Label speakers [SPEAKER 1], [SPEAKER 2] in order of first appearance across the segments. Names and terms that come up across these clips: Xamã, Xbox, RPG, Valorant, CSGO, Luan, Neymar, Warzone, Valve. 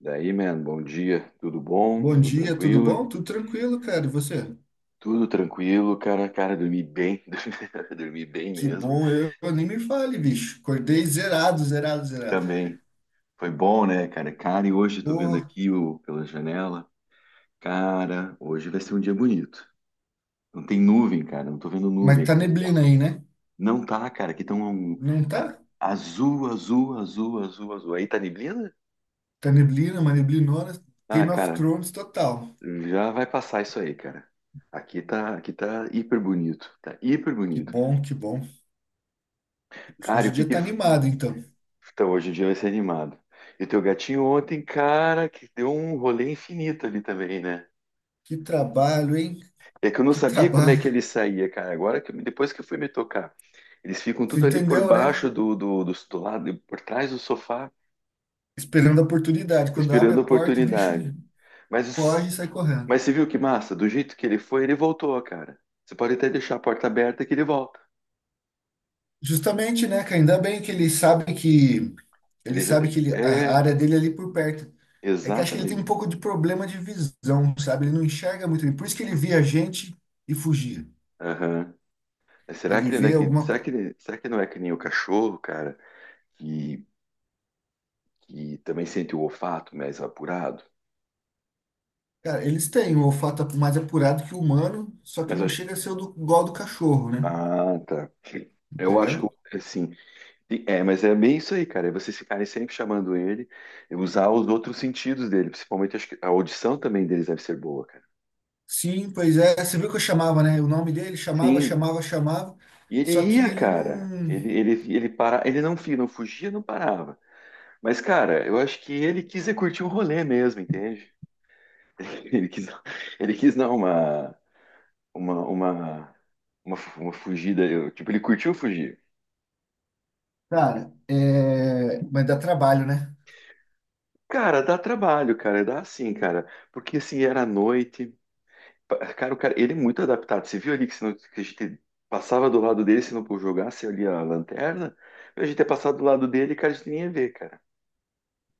[SPEAKER 1] Daí, man, bom dia. Tudo bom?
[SPEAKER 2] Bom
[SPEAKER 1] Tudo
[SPEAKER 2] dia, tudo
[SPEAKER 1] tranquilo?
[SPEAKER 2] bom? Tudo tranquilo, cara. E você?
[SPEAKER 1] Tudo tranquilo, cara. Cara, dormi bem. Dormi bem
[SPEAKER 2] Que
[SPEAKER 1] mesmo.
[SPEAKER 2] bom, eu nem me fale, bicho. Acordei zerado, zerado, zerado.
[SPEAKER 1] Também. Foi bom, né, cara? Cara, e hoje tô vendo
[SPEAKER 2] Ô,
[SPEAKER 1] aqui o, pela janela. Cara, hoje vai ser um dia bonito. Não tem nuvem, cara. Não tô vendo nuvem
[SPEAKER 2] mas tá
[SPEAKER 1] aqui no céu.
[SPEAKER 2] neblina aí, né?
[SPEAKER 1] Não tá, cara. Aqui tão, um-
[SPEAKER 2] Não
[SPEAKER 1] tá
[SPEAKER 2] tá?
[SPEAKER 1] azul, azul, azul, azul, azul. Aí tá neblina?
[SPEAKER 2] Tá neblina, uma neblinona.
[SPEAKER 1] Ah,
[SPEAKER 2] Game of
[SPEAKER 1] cara,
[SPEAKER 2] Thrones total.
[SPEAKER 1] já vai passar isso aí, cara. Aqui tá hiper bonito. Tá hiper
[SPEAKER 2] Que
[SPEAKER 1] bonito, cara.
[SPEAKER 2] bom, que bom.
[SPEAKER 1] Cara,
[SPEAKER 2] Hoje
[SPEAKER 1] e o
[SPEAKER 2] o
[SPEAKER 1] que
[SPEAKER 2] dia
[SPEAKER 1] que
[SPEAKER 2] tá animado, então.
[SPEAKER 1] Então, hoje o dia vai ser animado. E teu gatinho ontem, cara, que deu um rolê infinito ali também, né?
[SPEAKER 2] Que trabalho, hein?
[SPEAKER 1] É que eu não
[SPEAKER 2] Que
[SPEAKER 1] sabia como é que
[SPEAKER 2] trabalho.
[SPEAKER 1] ele saía, cara. Agora que eu- depois que eu fui me tocar, eles ficam
[SPEAKER 2] Você
[SPEAKER 1] tudo ali por
[SPEAKER 2] entendeu, né?
[SPEAKER 1] baixo do lado, por trás do sofá,
[SPEAKER 2] Esperando a oportunidade. Quando abre
[SPEAKER 1] esperando
[SPEAKER 2] a
[SPEAKER 1] a
[SPEAKER 2] porta, o bicho
[SPEAKER 1] oportunidade.
[SPEAKER 2] foge
[SPEAKER 1] Mas,
[SPEAKER 2] e sai correndo.
[SPEAKER 1] mas você viu que massa? Do jeito que ele foi, ele voltou, cara. Você pode até deixar a porta aberta que ele volta.
[SPEAKER 2] Justamente, né, cara? Ainda bem que ele sabe que ele
[SPEAKER 1] Ele já...
[SPEAKER 2] sabe que ele, a
[SPEAKER 1] É,
[SPEAKER 2] área dele é ali por perto. É que acho que ele tem um
[SPEAKER 1] exatamente.
[SPEAKER 2] pouco de problema de visão, sabe? Ele não enxerga muito bem. Por isso que ele via gente e fugia.
[SPEAKER 1] Aham. Mas será que
[SPEAKER 2] Ele
[SPEAKER 1] ele não é
[SPEAKER 2] vê
[SPEAKER 1] que...
[SPEAKER 2] alguma.
[SPEAKER 1] Será que ele... Será que não é que nem o cachorro, cara? que que também sente o olfato mais apurado.
[SPEAKER 2] Cara, eles têm o olfato é mais apurado que o humano, só que
[SPEAKER 1] Mas eu
[SPEAKER 2] não
[SPEAKER 1] acho...
[SPEAKER 2] chega a ser o do, igual ao do cachorro, né?
[SPEAKER 1] Ah, tá. Eu
[SPEAKER 2] Entendeu?
[SPEAKER 1] acho que, assim, é, mas é bem isso aí, cara. É vocês ficarem sempre chamando ele, e usar os outros sentidos dele, principalmente acho que a audição também deles deve ser boa, cara.
[SPEAKER 2] Sim, pois é. Você viu que eu chamava, né? O nome dele chamava,
[SPEAKER 1] Sim,
[SPEAKER 2] chamava, chamava.
[SPEAKER 1] e ele
[SPEAKER 2] Só que
[SPEAKER 1] ia,
[SPEAKER 2] ele
[SPEAKER 1] cara.
[SPEAKER 2] não.
[SPEAKER 1] Ele para, ele não, não fugia, não parava. Mas, cara, eu acho que ele quis é curtir um rolê mesmo, entende? Ele quis, ele quis dar uma, uma, uma, uma fugida. Tipo, ele curtiu fugir.
[SPEAKER 2] Cara, é. Mas dá trabalho, né?
[SPEAKER 1] Cara, dá trabalho, cara, dá sim, cara. Porque assim, era à noite. Cara, o cara, ele é muito adaptado. Você viu ali que, se não, que a gente passava do lado dele, se não jogasse ali a lanterna, a gente ia passar do lado dele, cara, a gente nem ia ver, cara.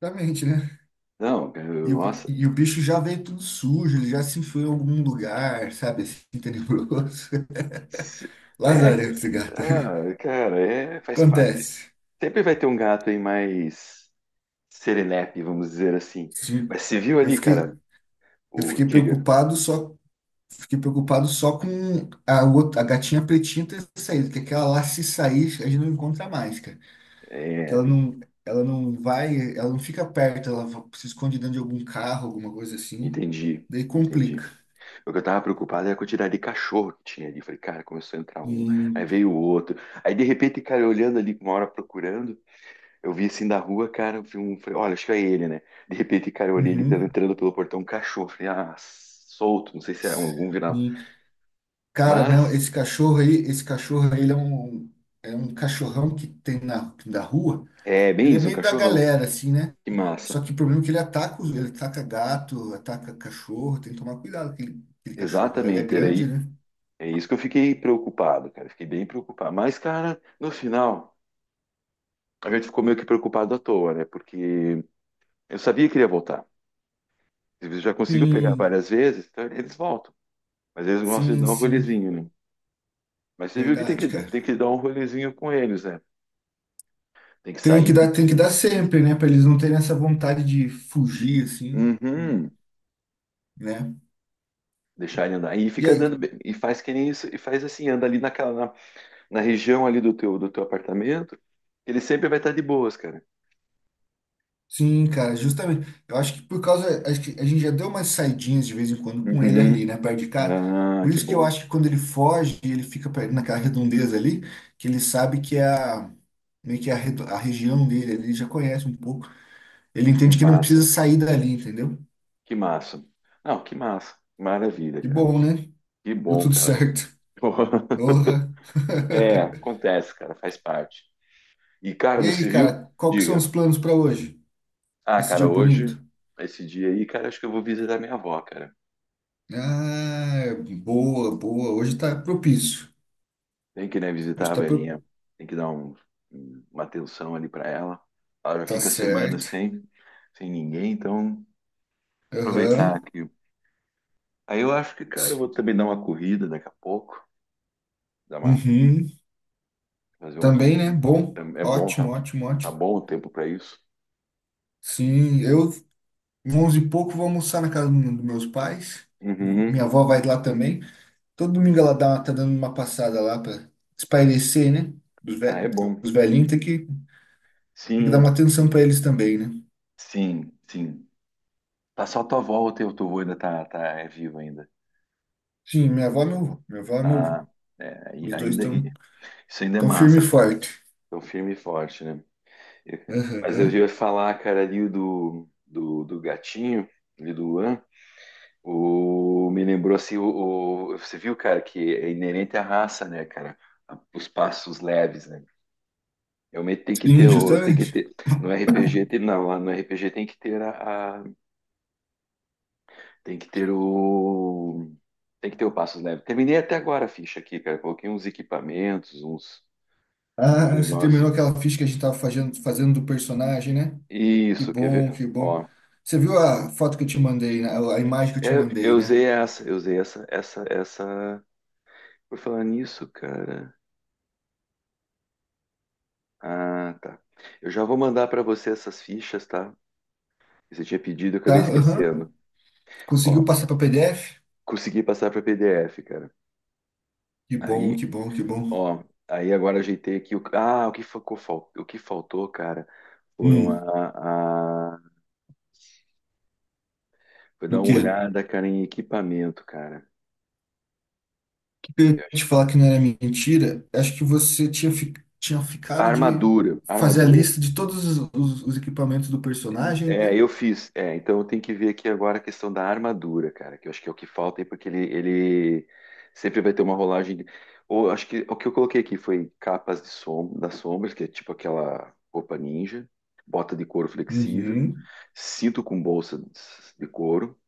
[SPEAKER 2] Exatamente, né?
[SPEAKER 1] Não, cara,
[SPEAKER 2] E o, bi-
[SPEAKER 1] nossa.
[SPEAKER 2] e o bicho já veio tudo sujo, ele já se enfiou em algum lugar, sabe, assim, tenebroso.
[SPEAKER 1] Se- É,
[SPEAKER 2] Lazarento esse
[SPEAKER 1] cara,
[SPEAKER 2] gato.
[SPEAKER 1] ah, cara, é, faz parte.
[SPEAKER 2] Acontece.
[SPEAKER 1] Sempre vai ter um gato aí mais serelepe, vamos dizer assim.
[SPEAKER 2] Sim.
[SPEAKER 1] Mas você viu
[SPEAKER 2] Eu
[SPEAKER 1] ali, cara,
[SPEAKER 2] fiquei, eu
[SPEAKER 1] o
[SPEAKER 2] fiquei
[SPEAKER 1] Tiga?
[SPEAKER 2] preocupado só, fiquei preocupado só com a outra, a gatinha pretinha ter saído, que aquela lá se sair, a gente não encontra mais, cara. Que
[SPEAKER 1] É,
[SPEAKER 2] ela não vai, ela não fica perto, se esconde dentro de algum carro, alguma coisa assim.
[SPEAKER 1] entendi,
[SPEAKER 2] Daí
[SPEAKER 1] entendi.
[SPEAKER 2] complica.
[SPEAKER 1] O que eu tava preocupado era com a quantidade de cachorro que tinha ali. Falei, cara, começou a entrar um, aí
[SPEAKER 2] E,
[SPEAKER 1] veio o outro. Aí de repente, cara, eu olhando ali, uma hora procurando, eu vi assim da rua, cara, eu vi um, falei, olha, acho que é ele, né? De repente, cara, eu olhei ele tava
[SPEAKER 2] uhum.
[SPEAKER 1] entrando pelo portão, um cachorro. Falei, ah, solto, não sei se é algum viral.
[SPEAKER 2] Sim. Cara, não,
[SPEAKER 1] Mas
[SPEAKER 2] esse cachorro aí, ele é um cachorrão que tem na, da rua.
[SPEAKER 1] é bem
[SPEAKER 2] Ele é
[SPEAKER 1] isso, um
[SPEAKER 2] meio da
[SPEAKER 1] cachorrão.
[SPEAKER 2] galera, assim, né?
[SPEAKER 1] Que massa.
[SPEAKER 2] Só que o problema é que ele ataca gato, ataca cachorro, tem que tomar cuidado com aquele cachorro lá. Ele é
[SPEAKER 1] Exatamente, era
[SPEAKER 2] grande,
[SPEAKER 1] aí.
[SPEAKER 2] né?
[SPEAKER 1] É isso que eu fiquei preocupado, cara. Fiquei bem preocupado. Mas, cara, no final, a gente ficou meio que preocupado à toa, né? Porque eu sabia que ele ia voltar. Eles já conseguiu pegar
[SPEAKER 2] Sim,
[SPEAKER 1] várias vezes, então eles voltam. Mas eles gostam de
[SPEAKER 2] sim,
[SPEAKER 1] dar um
[SPEAKER 2] sim.
[SPEAKER 1] rolezinho, né? Mas você viu que tem
[SPEAKER 2] Verdade,
[SPEAKER 1] que, tem
[SPEAKER 2] cara.
[SPEAKER 1] que dar um rolezinho com eles, né? Tem que
[SPEAKER 2] Tem
[SPEAKER 1] sair,
[SPEAKER 2] que dar, tem que dar sempre, né? Pra eles não terem essa vontade de fugir, assim,
[SPEAKER 1] uhum,
[SPEAKER 2] né?
[SPEAKER 1] deixar ele andar. E
[SPEAKER 2] E
[SPEAKER 1] fica
[SPEAKER 2] aí,
[SPEAKER 1] andando, e faz que nem isso, e faz assim, anda ali naquela, na região ali do teu apartamento, ele sempre vai estar de boas, cara.
[SPEAKER 2] sim, cara, justamente. Eu acho que por causa. Acho que a gente já deu umas saidinhas de vez em quando com ele ali,
[SPEAKER 1] Uhum.
[SPEAKER 2] né, perto de cá.
[SPEAKER 1] Ah,
[SPEAKER 2] Por
[SPEAKER 1] que
[SPEAKER 2] isso que eu
[SPEAKER 1] bom.
[SPEAKER 2] acho que quando ele foge, naquela redondeza ali, que ele sabe que é a. Meio que a região dele, ele já conhece um pouco. Ele
[SPEAKER 1] Que
[SPEAKER 2] entende que não precisa
[SPEAKER 1] massa.
[SPEAKER 2] sair dali, entendeu?
[SPEAKER 1] Que massa. Não, que massa. Maravilha,
[SPEAKER 2] Que
[SPEAKER 1] cara.
[SPEAKER 2] bom, né?
[SPEAKER 1] Que
[SPEAKER 2] Deu
[SPEAKER 1] bom,
[SPEAKER 2] tudo
[SPEAKER 1] cara.
[SPEAKER 2] certo. Porra.
[SPEAKER 1] É, acontece, cara, faz parte. E, cara,
[SPEAKER 2] E aí,
[SPEAKER 1] você viu?
[SPEAKER 2] cara, qual que são
[SPEAKER 1] Diga.
[SPEAKER 2] os planos para hoje?
[SPEAKER 1] Ah,
[SPEAKER 2] Esse
[SPEAKER 1] cara,
[SPEAKER 2] dia
[SPEAKER 1] hoje,
[SPEAKER 2] bonito?
[SPEAKER 1] esse dia aí, cara, acho que eu vou visitar minha avó, cara.
[SPEAKER 2] Ah, boa, boa. Hoje tá propício.
[SPEAKER 1] Tem que, né, visitar
[SPEAKER 2] Hoje
[SPEAKER 1] a
[SPEAKER 2] tá, pro...
[SPEAKER 1] velhinha. Tem que dar uma atenção ali pra ela. Ela já
[SPEAKER 2] tá
[SPEAKER 1] fica semana
[SPEAKER 2] certo.
[SPEAKER 1] sem, sem ninguém, então aproveitar
[SPEAKER 2] Aham.
[SPEAKER 1] aqui. Aí eu acho que, cara, eu vou também dar uma corrida daqui a pouco. Dar uma,
[SPEAKER 2] Uhum.
[SPEAKER 1] fazer uma
[SPEAKER 2] Também, né?
[SPEAKER 1] corrida.
[SPEAKER 2] Bom.
[SPEAKER 1] É bom,
[SPEAKER 2] Ótimo, ótimo,
[SPEAKER 1] tá
[SPEAKER 2] ótimo.
[SPEAKER 1] bom o tempo pra isso.
[SPEAKER 2] Sim, eu, onze e pouco, vou almoçar na casa dos meus pais. Minha
[SPEAKER 1] Uhum.
[SPEAKER 2] avó vai lá também. Todo domingo ela dá, tá dando uma passada lá para espairecer, né? Os, ve
[SPEAKER 1] Ah, é bom.
[SPEAKER 2] os velhinhos tem que dar uma
[SPEAKER 1] Sim,
[SPEAKER 2] atenção para eles também, né?
[SPEAKER 1] sim, sim. Tá só tua avó ou teu avô ainda tá, é vivo ainda?
[SPEAKER 2] Sim, minha avó e meu avô. Minha avó e meu avô.
[SPEAKER 1] Ah, é,
[SPEAKER 2] Os dois estão
[SPEAKER 1] isso ainda é
[SPEAKER 2] tão firme e
[SPEAKER 1] massa, cara.
[SPEAKER 2] forte.
[SPEAKER 1] Então, firme e forte, né? Eu- mas eu
[SPEAKER 2] Aham.
[SPEAKER 1] ia falar, cara, ali do gatinho, ali do Luan, me lembrou assim, você viu, cara, que é inerente à raça, né, cara? Os passos leves, né? Realmente tem que ter,
[SPEAKER 2] Sim,
[SPEAKER 1] tem que
[SPEAKER 2] justamente.
[SPEAKER 1] ter, no RPG tem, não, lá no RPG tem que ter tem que ter tem que ter o passos leves. Terminei até agora a ficha aqui, cara, coloquei uns equipamentos, uns, uns
[SPEAKER 2] Ah, você
[SPEAKER 1] negócios.
[SPEAKER 2] terminou aquela ficha que a gente tava fazendo do personagem, né? Que
[SPEAKER 1] Isso, quer
[SPEAKER 2] bom,
[SPEAKER 1] ver?
[SPEAKER 2] que bom.
[SPEAKER 1] Ó,
[SPEAKER 2] Você viu a foto que eu te mandei, né? A imagem que eu te
[SPEAKER 1] é, eu
[SPEAKER 2] mandei,
[SPEAKER 1] usei
[SPEAKER 2] né?
[SPEAKER 1] essa, eu usei essa, essa, essa. Por falar nisso, cara. Ah, tá. Eu já vou mandar para você essas fichas, tá? Que você tinha pedido, eu acabei
[SPEAKER 2] Tá? Aham.
[SPEAKER 1] esquecendo.
[SPEAKER 2] Conseguiu
[SPEAKER 1] Ó,
[SPEAKER 2] passar para PDF?
[SPEAKER 1] consegui passar para PDF, cara.
[SPEAKER 2] Que bom,
[SPEAKER 1] Aí,
[SPEAKER 2] que bom, que bom.
[SPEAKER 1] ó, aí agora ajeitei aqui o. Ah, o que ficou, o que faltou, cara, foram
[SPEAKER 2] Hum,
[SPEAKER 1] a... Foi dar
[SPEAKER 2] o
[SPEAKER 1] uma
[SPEAKER 2] quê? O
[SPEAKER 1] olhada, cara, em equipamento, cara.
[SPEAKER 2] que eu ia
[SPEAKER 1] Eu achei-
[SPEAKER 2] te falar que não era mentira? Acho que você tinha
[SPEAKER 1] A
[SPEAKER 2] ficado de
[SPEAKER 1] armadura, a
[SPEAKER 2] fazer a
[SPEAKER 1] armadura.
[SPEAKER 2] lista de todos os equipamentos do personagem,
[SPEAKER 1] É,
[SPEAKER 2] né?
[SPEAKER 1] eu fiz. É, então eu tenho que ver aqui agora a questão da armadura, cara, que eu acho que é o que falta aí, porque ele sempre vai ter uma rolagem. Ou acho que o que eu coloquei aqui foi capas de som, das sombras, que é tipo aquela roupa ninja, bota de couro flexível,
[SPEAKER 2] Uhum,
[SPEAKER 1] cinto com bolsa de couro.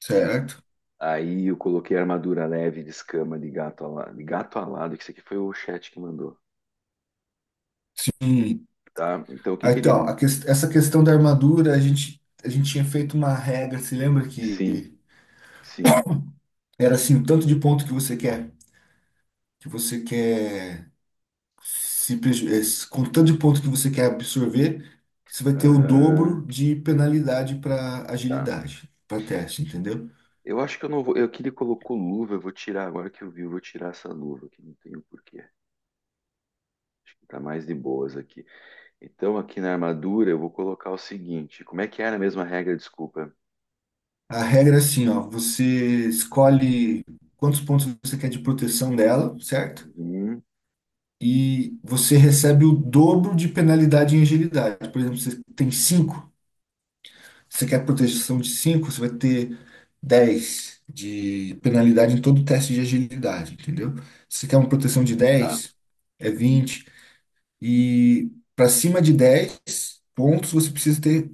[SPEAKER 2] certo.
[SPEAKER 1] Aí eu coloquei armadura leve de escama de gato alado, que isso aqui foi o chat que mandou,
[SPEAKER 2] Hum.
[SPEAKER 1] tá? Então o que
[SPEAKER 2] Ah,
[SPEAKER 1] que ele.
[SPEAKER 2] então, essa questão da armadura, a gente tinha feito uma regra, se lembra
[SPEAKER 1] Sim,
[SPEAKER 2] que
[SPEAKER 1] sim.
[SPEAKER 2] era assim, o tanto de ponto que você quer? Que você quer se preju- eh, se- com o tanto de ponto que você quer absorver, você vai ter o
[SPEAKER 1] Aham,
[SPEAKER 2] dobro de penalidade para
[SPEAKER 1] tá.
[SPEAKER 2] agilidade, para teste, entendeu?
[SPEAKER 1] Eu acho que eu não vou. Eu que ele colocou luva, eu vou tirar. Agora que eu vi, eu vou tirar essa luva que não tenho porquê. Acho que tá mais de boas aqui. Então, aqui na armadura, eu vou colocar o seguinte: como é que era a mesma regra? Desculpa.
[SPEAKER 2] A regra é assim, ó, você escolhe quantos pontos você quer de proteção dela, certo?
[SPEAKER 1] Uhum,
[SPEAKER 2] E você recebe o dobro de penalidade em agilidade. Por exemplo, você tem cinco. Você quer proteção de cinco, você vai ter 10 de penalidade em todo teste de agilidade, entendeu? Se você quer uma proteção de
[SPEAKER 1] tá.
[SPEAKER 2] 10 é 20. E para cima de 10 pontos, você precisa ter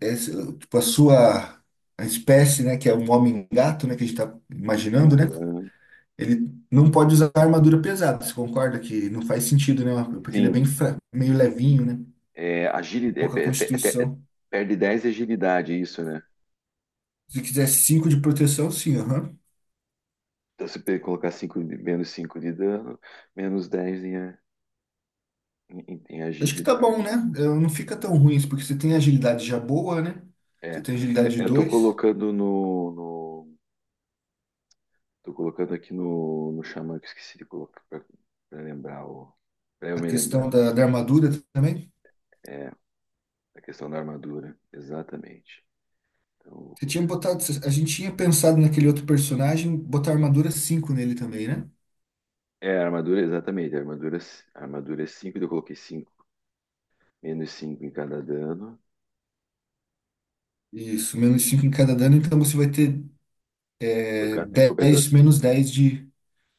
[SPEAKER 2] tipo, a espécie, né, que é um homem-gato, né, que a gente está imaginando, né?
[SPEAKER 1] Uhum.
[SPEAKER 2] Ele não pode usar armadura pesada. Você concorda que não faz sentido, né? Porque ele é bem
[SPEAKER 1] Sim.
[SPEAKER 2] meio levinho, né?
[SPEAKER 1] É, agilidade,
[SPEAKER 2] Pouca constituição.
[SPEAKER 1] perde dez de agilidade, é isso, né?
[SPEAKER 2] Se quiser 5 de proteção, sim, aham.
[SPEAKER 1] Então, se pe- colocar cinco menos 5 de dano, menos 10 em, em
[SPEAKER 2] Acho que tá
[SPEAKER 1] agilidade.
[SPEAKER 2] bom, né? Não fica tão ruim isso, porque você tem agilidade já boa, né?
[SPEAKER 1] É,
[SPEAKER 2] Você tem agilidade
[SPEAKER 1] é, eu tô
[SPEAKER 2] dois.
[SPEAKER 1] colocando tô colocando aqui no Xamã que eu esqueci de colocar pra lembrar o. Pra eu
[SPEAKER 2] A
[SPEAKER 1] me
[SPEAKER 2] questão
[SPEAKER 1] lembrar.
[SPEAKER 2] da armadura também.
[SPEAKER 1] É, a questão da armadura. Exatamente. Então eu vou
[SPEAKER 2] Você tinha
[SPEAKER 1] colocar aqui.
[SPEAKER 2] botado, a gente tinha pensado naquele outro personagem, botar armadura cinco nele também, né?
[SPEAKER 1] É, a armadura, exatamente. A armadura é 5, eu coloquei cinco. Menos cinco em cada dano.
[SPEAKER 2] Isso, menos 5 em cada dano, então você vai ter
[SPEAKER 1] Por cada, em
[SPEAKER 2] 10,
[SPEAKER 1] compensação,
[SPEAKER 2] menos 10 de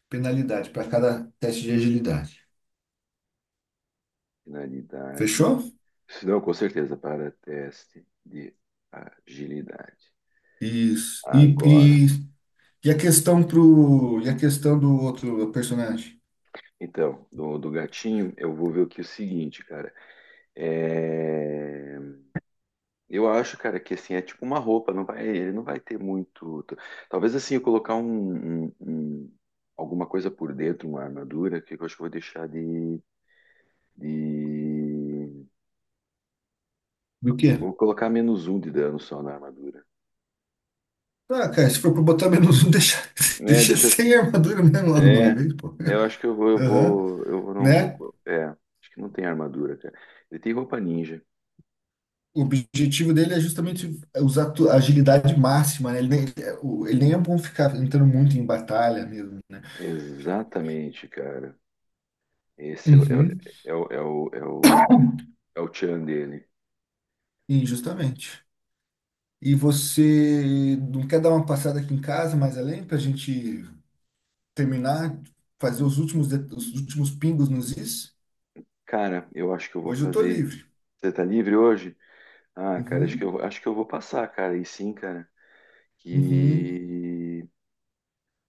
[SPEAKER 2] penalidade para cada teste de agilidade.
[SPEAKER 1] finalidade.
[SPEAKER 2] Fechou?
[SPEAKER 1] Se não, com certeza, para teste de agilidade.
[SPEAKER 2] Isso. E,
[SPEAKER 1] Agora.
[SPEAKER 2] e, e a questão do outro personagem?
[SPEAKER 1] Então, do gatinho, eu vou ver o que é o seguinte, cara. É. Eu acho, cara, que assim é tipo uma roupa, não vai, ele não vai ter muito. Talvez assim eu colocar um, alguma coisa por dentro, uma armadura, que eu acho que eu vou deixar de...
[SPEAKER 2] Do quê?
[SPEAKER 1] Vou colocar menos um de dano só na armadura.
[SPEAKER 2] Ah, cara, se for pra botar menos um, deixa,
[SPEAKER 1] É,
[SPEAKER 2] deixa
[SPEAKER 1] deixa.
[SPEAKER 2] sem armadura mesmo logo de
[SPEAKER 1] É,
[SPEAKER 2] uma vez, pô.
[SPEAKER 1] é, eu acho que eu vou, eu
[SPEAKER 2] Aham,
[SPEAKER 1] vou, eu vou- não vou.
[SPEAKER 2] né?
[SPEAKER 1] É, acho que não tem armadura, cara. Ele tem roupa ninja.
[SPEAKER 2] O objetivo dele é justamente usar a agilidade máxima, né? Ele nem é bom ficar entrando muito em batalha mesmo.
[SPEAKER 1] Exatamente, cara. Esse é, o-
[SPEAKER 2] Uhum,
[SPEAKER 1] é, o- é, o, é o, é o é o tchan dele.
[SPEAKER 2] sim, justamente. E você não quer dar uma passada aqui em casa mais além pra gente terminar, fazer os últimos pingos nos is?
[SPEAKER 1] Cara, eu acho que eu vou
[SPEAKER 2] Hoje eu tô
[SPEAKER 1] fazer.
[SPEAKER 2] livre.
[SPEAKER 1] Você tá livre hoje? Ah, cara, acho que
[SPEAKER 2] Uhum,
[SPEAKER 1] eu, acho que eu vou passar, cara. E sim, cara.
[SPEAKER 2] uhum,
[SPEAKER 1] Que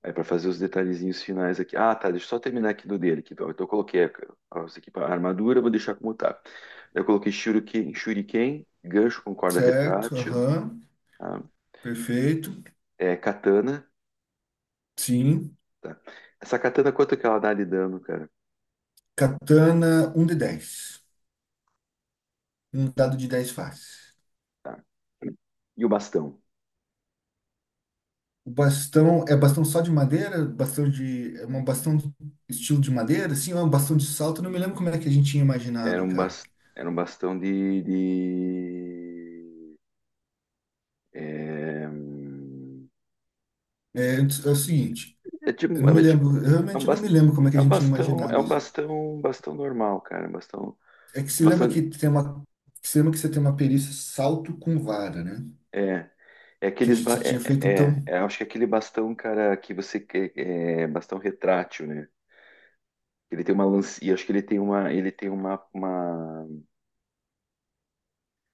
[SPEAKER 1] é para fazer os detalhezinhos finais aqui. Ah, tá. Deixa eu só terminar aqui do dele. Aqui, ó. Então eu coloquei as a armadura, vou deixar como tá. Eu coloquei shuriken, shuriken, gancho com corda
[SPEAKER 2] certo,
[SPEAKER 1] retrátil,
[SPEAKER 2] aham,
[SPEAKER 1] tá?
[SPEAKER 2] perfeito.
[SPEAKER 1] É, katana,
[SPEAKER 2] Sim.
[SPEAKER 1] tá? Essa katana, quanto que ela dá de dano, cara?
[SPEAKER 2] Katana, um de 10. Um dado de 10 faces.
[SPEAKER 1] Tá. E o bastão?
[SPEAKER 2] O bastão é bastão só de madeira? Bastão de. É um bastão do estilo de madeira? Sim, é um bastão de salto. Eu não me lembro como é que a gente tinha
[SPEAKER 1] Era
[SPEAKER 2] imaginado,
[SPEAKER 1] um,
[SPEAKER 2] cara.
[SPEAKER 1] era um bastão é,
[SPEAKER 2] É o seguinte,
[SPEAKER 1] é tipo,
[SPEAKER 2] eu não me
[SPEAKER 1] é tipo,
[SPEAKER 2] lembro, eu
[SPEAKER 1] é um
[SPEAKER 2] realmente não me
[SPEAKER 1] bastão,
[SPEAKER 2] lembro como é que a
[SPEAKER 1] é um
[SPEAKER 2] gente tinha
[SPEAKER 1] bastão, é
[SPEAKER 2] imaginado isso.
[SPEAKER 1] um bastão normal, cara,
[SPEAKER 2] É que
[SPEAKER 1] um
[SPEAKER 2] se lembra
[SPEAKER 1] bastão,
[SPEAKER 2] que tem uma. Se lembra que você tem uma perícia salto com vara, né?
[SPEAKER 1] é, é
[SPEAKER 2] Que a
[SPEAKER 1] aqueles,
[SPEAKER 2] gente tinha
[SPEAKER 1] é,
[SPEAKER 2] feito,
[SPEAKER 1] é, é,
[SPEAKER 2] então.
[SPEAKER 1] é, acho que é aquele bastão, cara, que você, é, bastão retrátil, né? Ele tem uma lance, e acho que ele tem uma,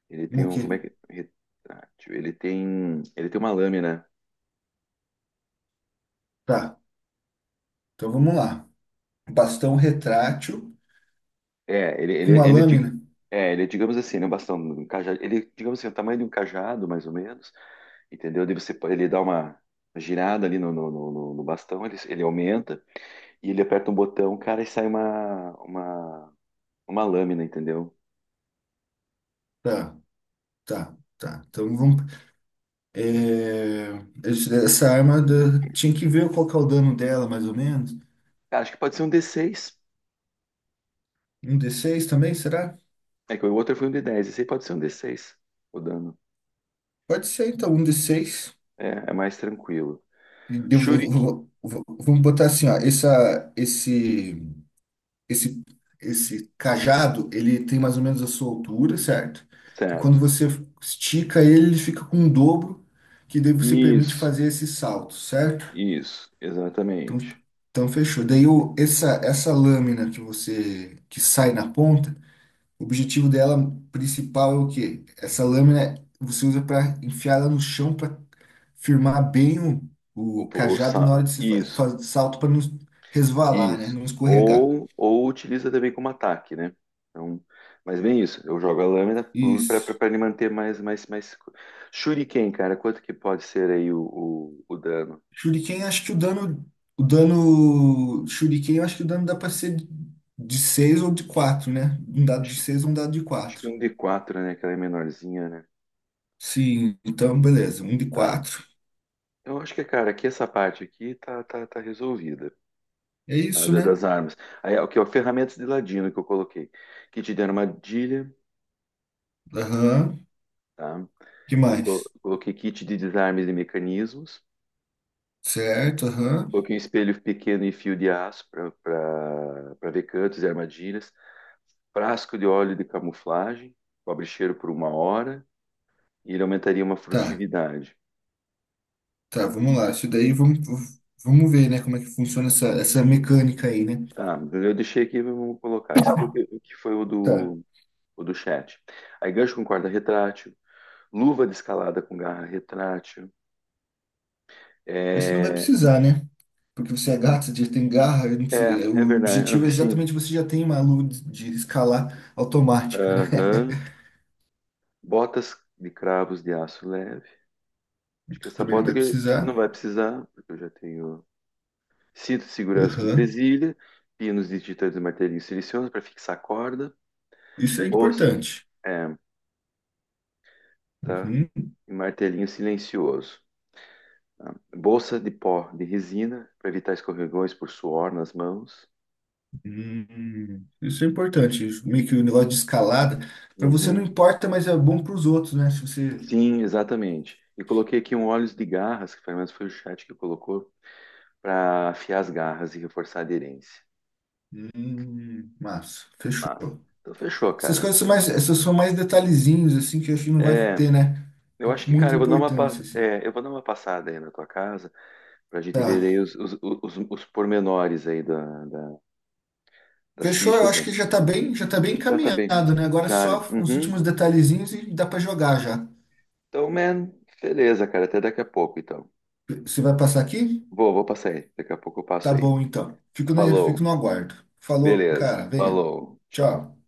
[SPEAKER 1] ele
[SPEAKER 2] O
[SPEAKER 1] tem um,
[SPEAKER 2] quê?
[SPEAKER 1] como é que, retrátil, ele tem uma lâmina,
[SPEAKER 2] Tá. Então vamos lá. Bastão retrátil
[SPEAKER 1] é,
[SPEAKER 2] com uma lâmina.
[SPEAKER 1] é, ele, é, digamos assim, né, um bastão, um cajado, ele, é, digamos assim, é o tamanho de um cajado, mais ou menos, entendeu? Daí você, ele dá uma girada ali no bastão, ele aumenta e ele aperta um botão, cara, e sai uma lâmina, entendeu?
[SPEAKER 2] Tá, tá, tá. Então vamos... É, Tinha que ver qual que é o dano dela, mais ou menos.
[SPEAKER 1] Cara, acho que pode ser um d seis.
[SPEAKER 2] Um d seis também, será?
[SPEAKER 1] É que o outro foi um d dez, esse aí pode ser um d seis, o dano.
[SPEAKER 2] Pode ser, então, um d seis.
[SPEAKER 1] É, é mais tranquilo.
[SPEAKER 2] E devo-
[SPEAKER 1] Shuriken,
[SPEAKER 2] vou- vou- vamos botar assim, ó. Esse, esse cajado, ele tem mais ou menos a sua altura, certo? E quando
[SPEAKER 1] certo.
[SPEAKER 2] você estica ele, ele fica com um dobro, que daí você permite
[SPEAKER 1] Isso,
[SPEAKER 2] fazer esse salto, certo?
[SPEAKER 1] isso,
[SPEAKER 2] Então,
[SPEAKER 1] exatamente.
[SPEAKER 2] então fechou. Daí essa lâmina que você que sai na ponta. O objetivo dela principal é o quê? Essa lâmina você usa para enfiar ela no chão para firmar bem o
[SPEAKER 1] O,
[SPEAKER 2] cajado na hora de se
[SPEAKER 1] isso.
[SPEAKER 2] salto para não resvalar, né?
[SPEAKER 1] Isso.
[SPEAKER 2] Não escorregar.
[SPEAKER 1] Ou utiliza também como ataque, né? Então, mas bem isso. Eu jogo a lâmina
[SPEAKER 2] Isso.
[SPEAKER 1] para ele manter mais, mais, mais. Shuriken, cara, quanto que pode ser aí o dano?
[SPEAKER 2] Shuriken, acho que o dano Shuriken, eu acho que o dano dá para ser de 6 ou de quatro, né? Um dado de
[SPEAKER 1] Acho,
[SPEAKER 2] 6 ou um dado de
[SPEAKER 1] acho que
[SPEAKER 2] quatro.
[SPEAKER 1] um d quatro né? Aquela é menorzinha, né?
[SPEAKER 2] Sim, então beleza, um de
[SPEAKER 1] Tá.
[SPEAKER 2] quatro.
[SPEAKER 1] Eu acho que, cara, aqui essa parte aqui tá resolvida.
[SPEAKER 2] É
[SPEAKER 1] Tá?
[SPEAKER 2] isso, né?
[SPEAKER 1] Das armas. Aí, o que é ferramentas de ladino que eu coloquei. Kit de armadilha,
[SPEAKER 2] Aham.
[SPEAKER 1] tá?
[SPEAKER 2] Que mais?
[SPEAKER 1] Coloquei kit de desarmes e mecanismos.
[SPEAKER 2] Certo, aham.
[SPEAKER 1] Coloquei um espelho pequeno e fio de aço para ver cantos e armadilhas. Frasco de óleo de camuflagem, cobre cheiro por uma hora e ele aumentaria uma
[SPEAKER 2] Tá.
[SPEAKER 1] frutividade. Tá,
[SPEAKER 2] Tá, vamos lá. Isso daí vamos ver, né, como é que funciona essa mecânica aí, né?
[SPEAKER 1] tá, eu deixei aqui, vamos colocar. Isso aqui é o que foi
[SPEAKER 2] Tá.
[SPEAKER 1] o do chat. Aí gancho com corda retrátil, luva de escalada com garra retrátil.
[SPEAKER 2] Acho que não vai
[SPEAKER 1] É,
[SPEAKER 2] precisar, né? Porque você é gato, você já tem garra, eu não preciso-
[SPEAKER 1] é,
[SPEAKER 2] é,
[SPEAKER 1] é
[SPEAKER 2] o
[SPEAKER 1] verdade.
[SPEAKER 2] objetivo
[SPEAKER 1] Ah,
[SPEAKER 2] é
[SPEAKER 1] sim.
[SPEAKER 2] exatamente você já tem uma luz de escalar automática, né?
[SPEAKER 1] Aham. Botas de cravos de aço leve. Acho que essa
[SPEAKER 2] Também não
[SPEAKER 1] bota
[SPEAKER 2] vai
[SPEAKER 1] aqui não
[SPEAKER 2] precisar.
[SPEAKER 1] vai precisar, porque eu já tenho cinto de segurança com
[SPEAKER 2] Aham.
[SPEAKER 1] presilha, pinos e titãs e martelinho silencioso para fixar a corda,
[SPEAKER 2] Isso é
[SPEAKER 1] bolsa,
[SPEAKER 2] importante.
[SPEAKER 1] é, tá?
[SPEAKER 2] Uhum.
[SPEAKER 1] E martelinho silencioso. Tá? Bolsa de pó de resina para evitar escorregões por suor nas mãos.
[SPEAKER 2] Isso é importante. Meio que o negócio de escalada, para você não
[SPEAKER 1] Uhum.
[SPEAKER 2] importa, mas é bom para os outros, né? Se você.
[SPEAKER 1] Sim, exatamente. E coloquei aqui um óleo de garras, que pelo menos foi o chat que colocou, para afiar as garras e reforçar a aderência.
[SPEAKER 2] Massa, fechou.
[SPEAKER 1] Mas, então fechou,
[SPEAKER 2] Essas
[SPEAKER 1] cara.
[SPEAKER 2] coisas são mais, essas são mais detalhezinhos, assim, que eu acho que não vai
[SPEAKER 1] É,
[SPEAKER 2] ter, né?
[SPEAKER 1] eu acho que,
[SPEAKER 2] Muita
[SPEAKER 1] cara, eu vou dar uma,
[SPEAKER 2] importância, assim.
[SPEAKER 1] é, eu vou dar uma passada aí na tua casa para a gente ver
[SPEAKER 2] Tá.
[SPEAKER 1] aí os pormenores aí da- das
[SPEAKER 2] Fechou, eu
[SPEAKER 1] fichas,
[SPEAKER 2] acho
[SPEAKER 1] né?
[SPEAKER 2] que já tá bem
[SPEAKER 1] Já tá bem.
[SPEAKER 2] encaminhado, né? Agora é
[SPEAKER 1] Já, né?
[SPEAKER 2] só os
[SPEAKER 1] Uhum.
[SPEAKER 2] últimos detalhezinhos e dá pra jogar já.
[SPEAKER 1] Então, man, beleza, cara. Até daqui a pouco, então.
[SPEAKER 2] Você vai passar aqui?
[SPEAKER 1] Vou, vou passar aí. Daqui a pouco eu
[SPEAKER 2] Tá
[SPEAKER 1] passo aí.
[SPEAKER 2] bom, então. Fico, né? Fico
[SPEAKER 1] Falou.
[SPEAKER 2] no aguardo. Falou,
[SPEAKER 1] Beleza.
[SPEAKER 2] cara. Venha.
[SPEAKER 1] Falou. Tchau.
[SPEAKER 2] Tchau.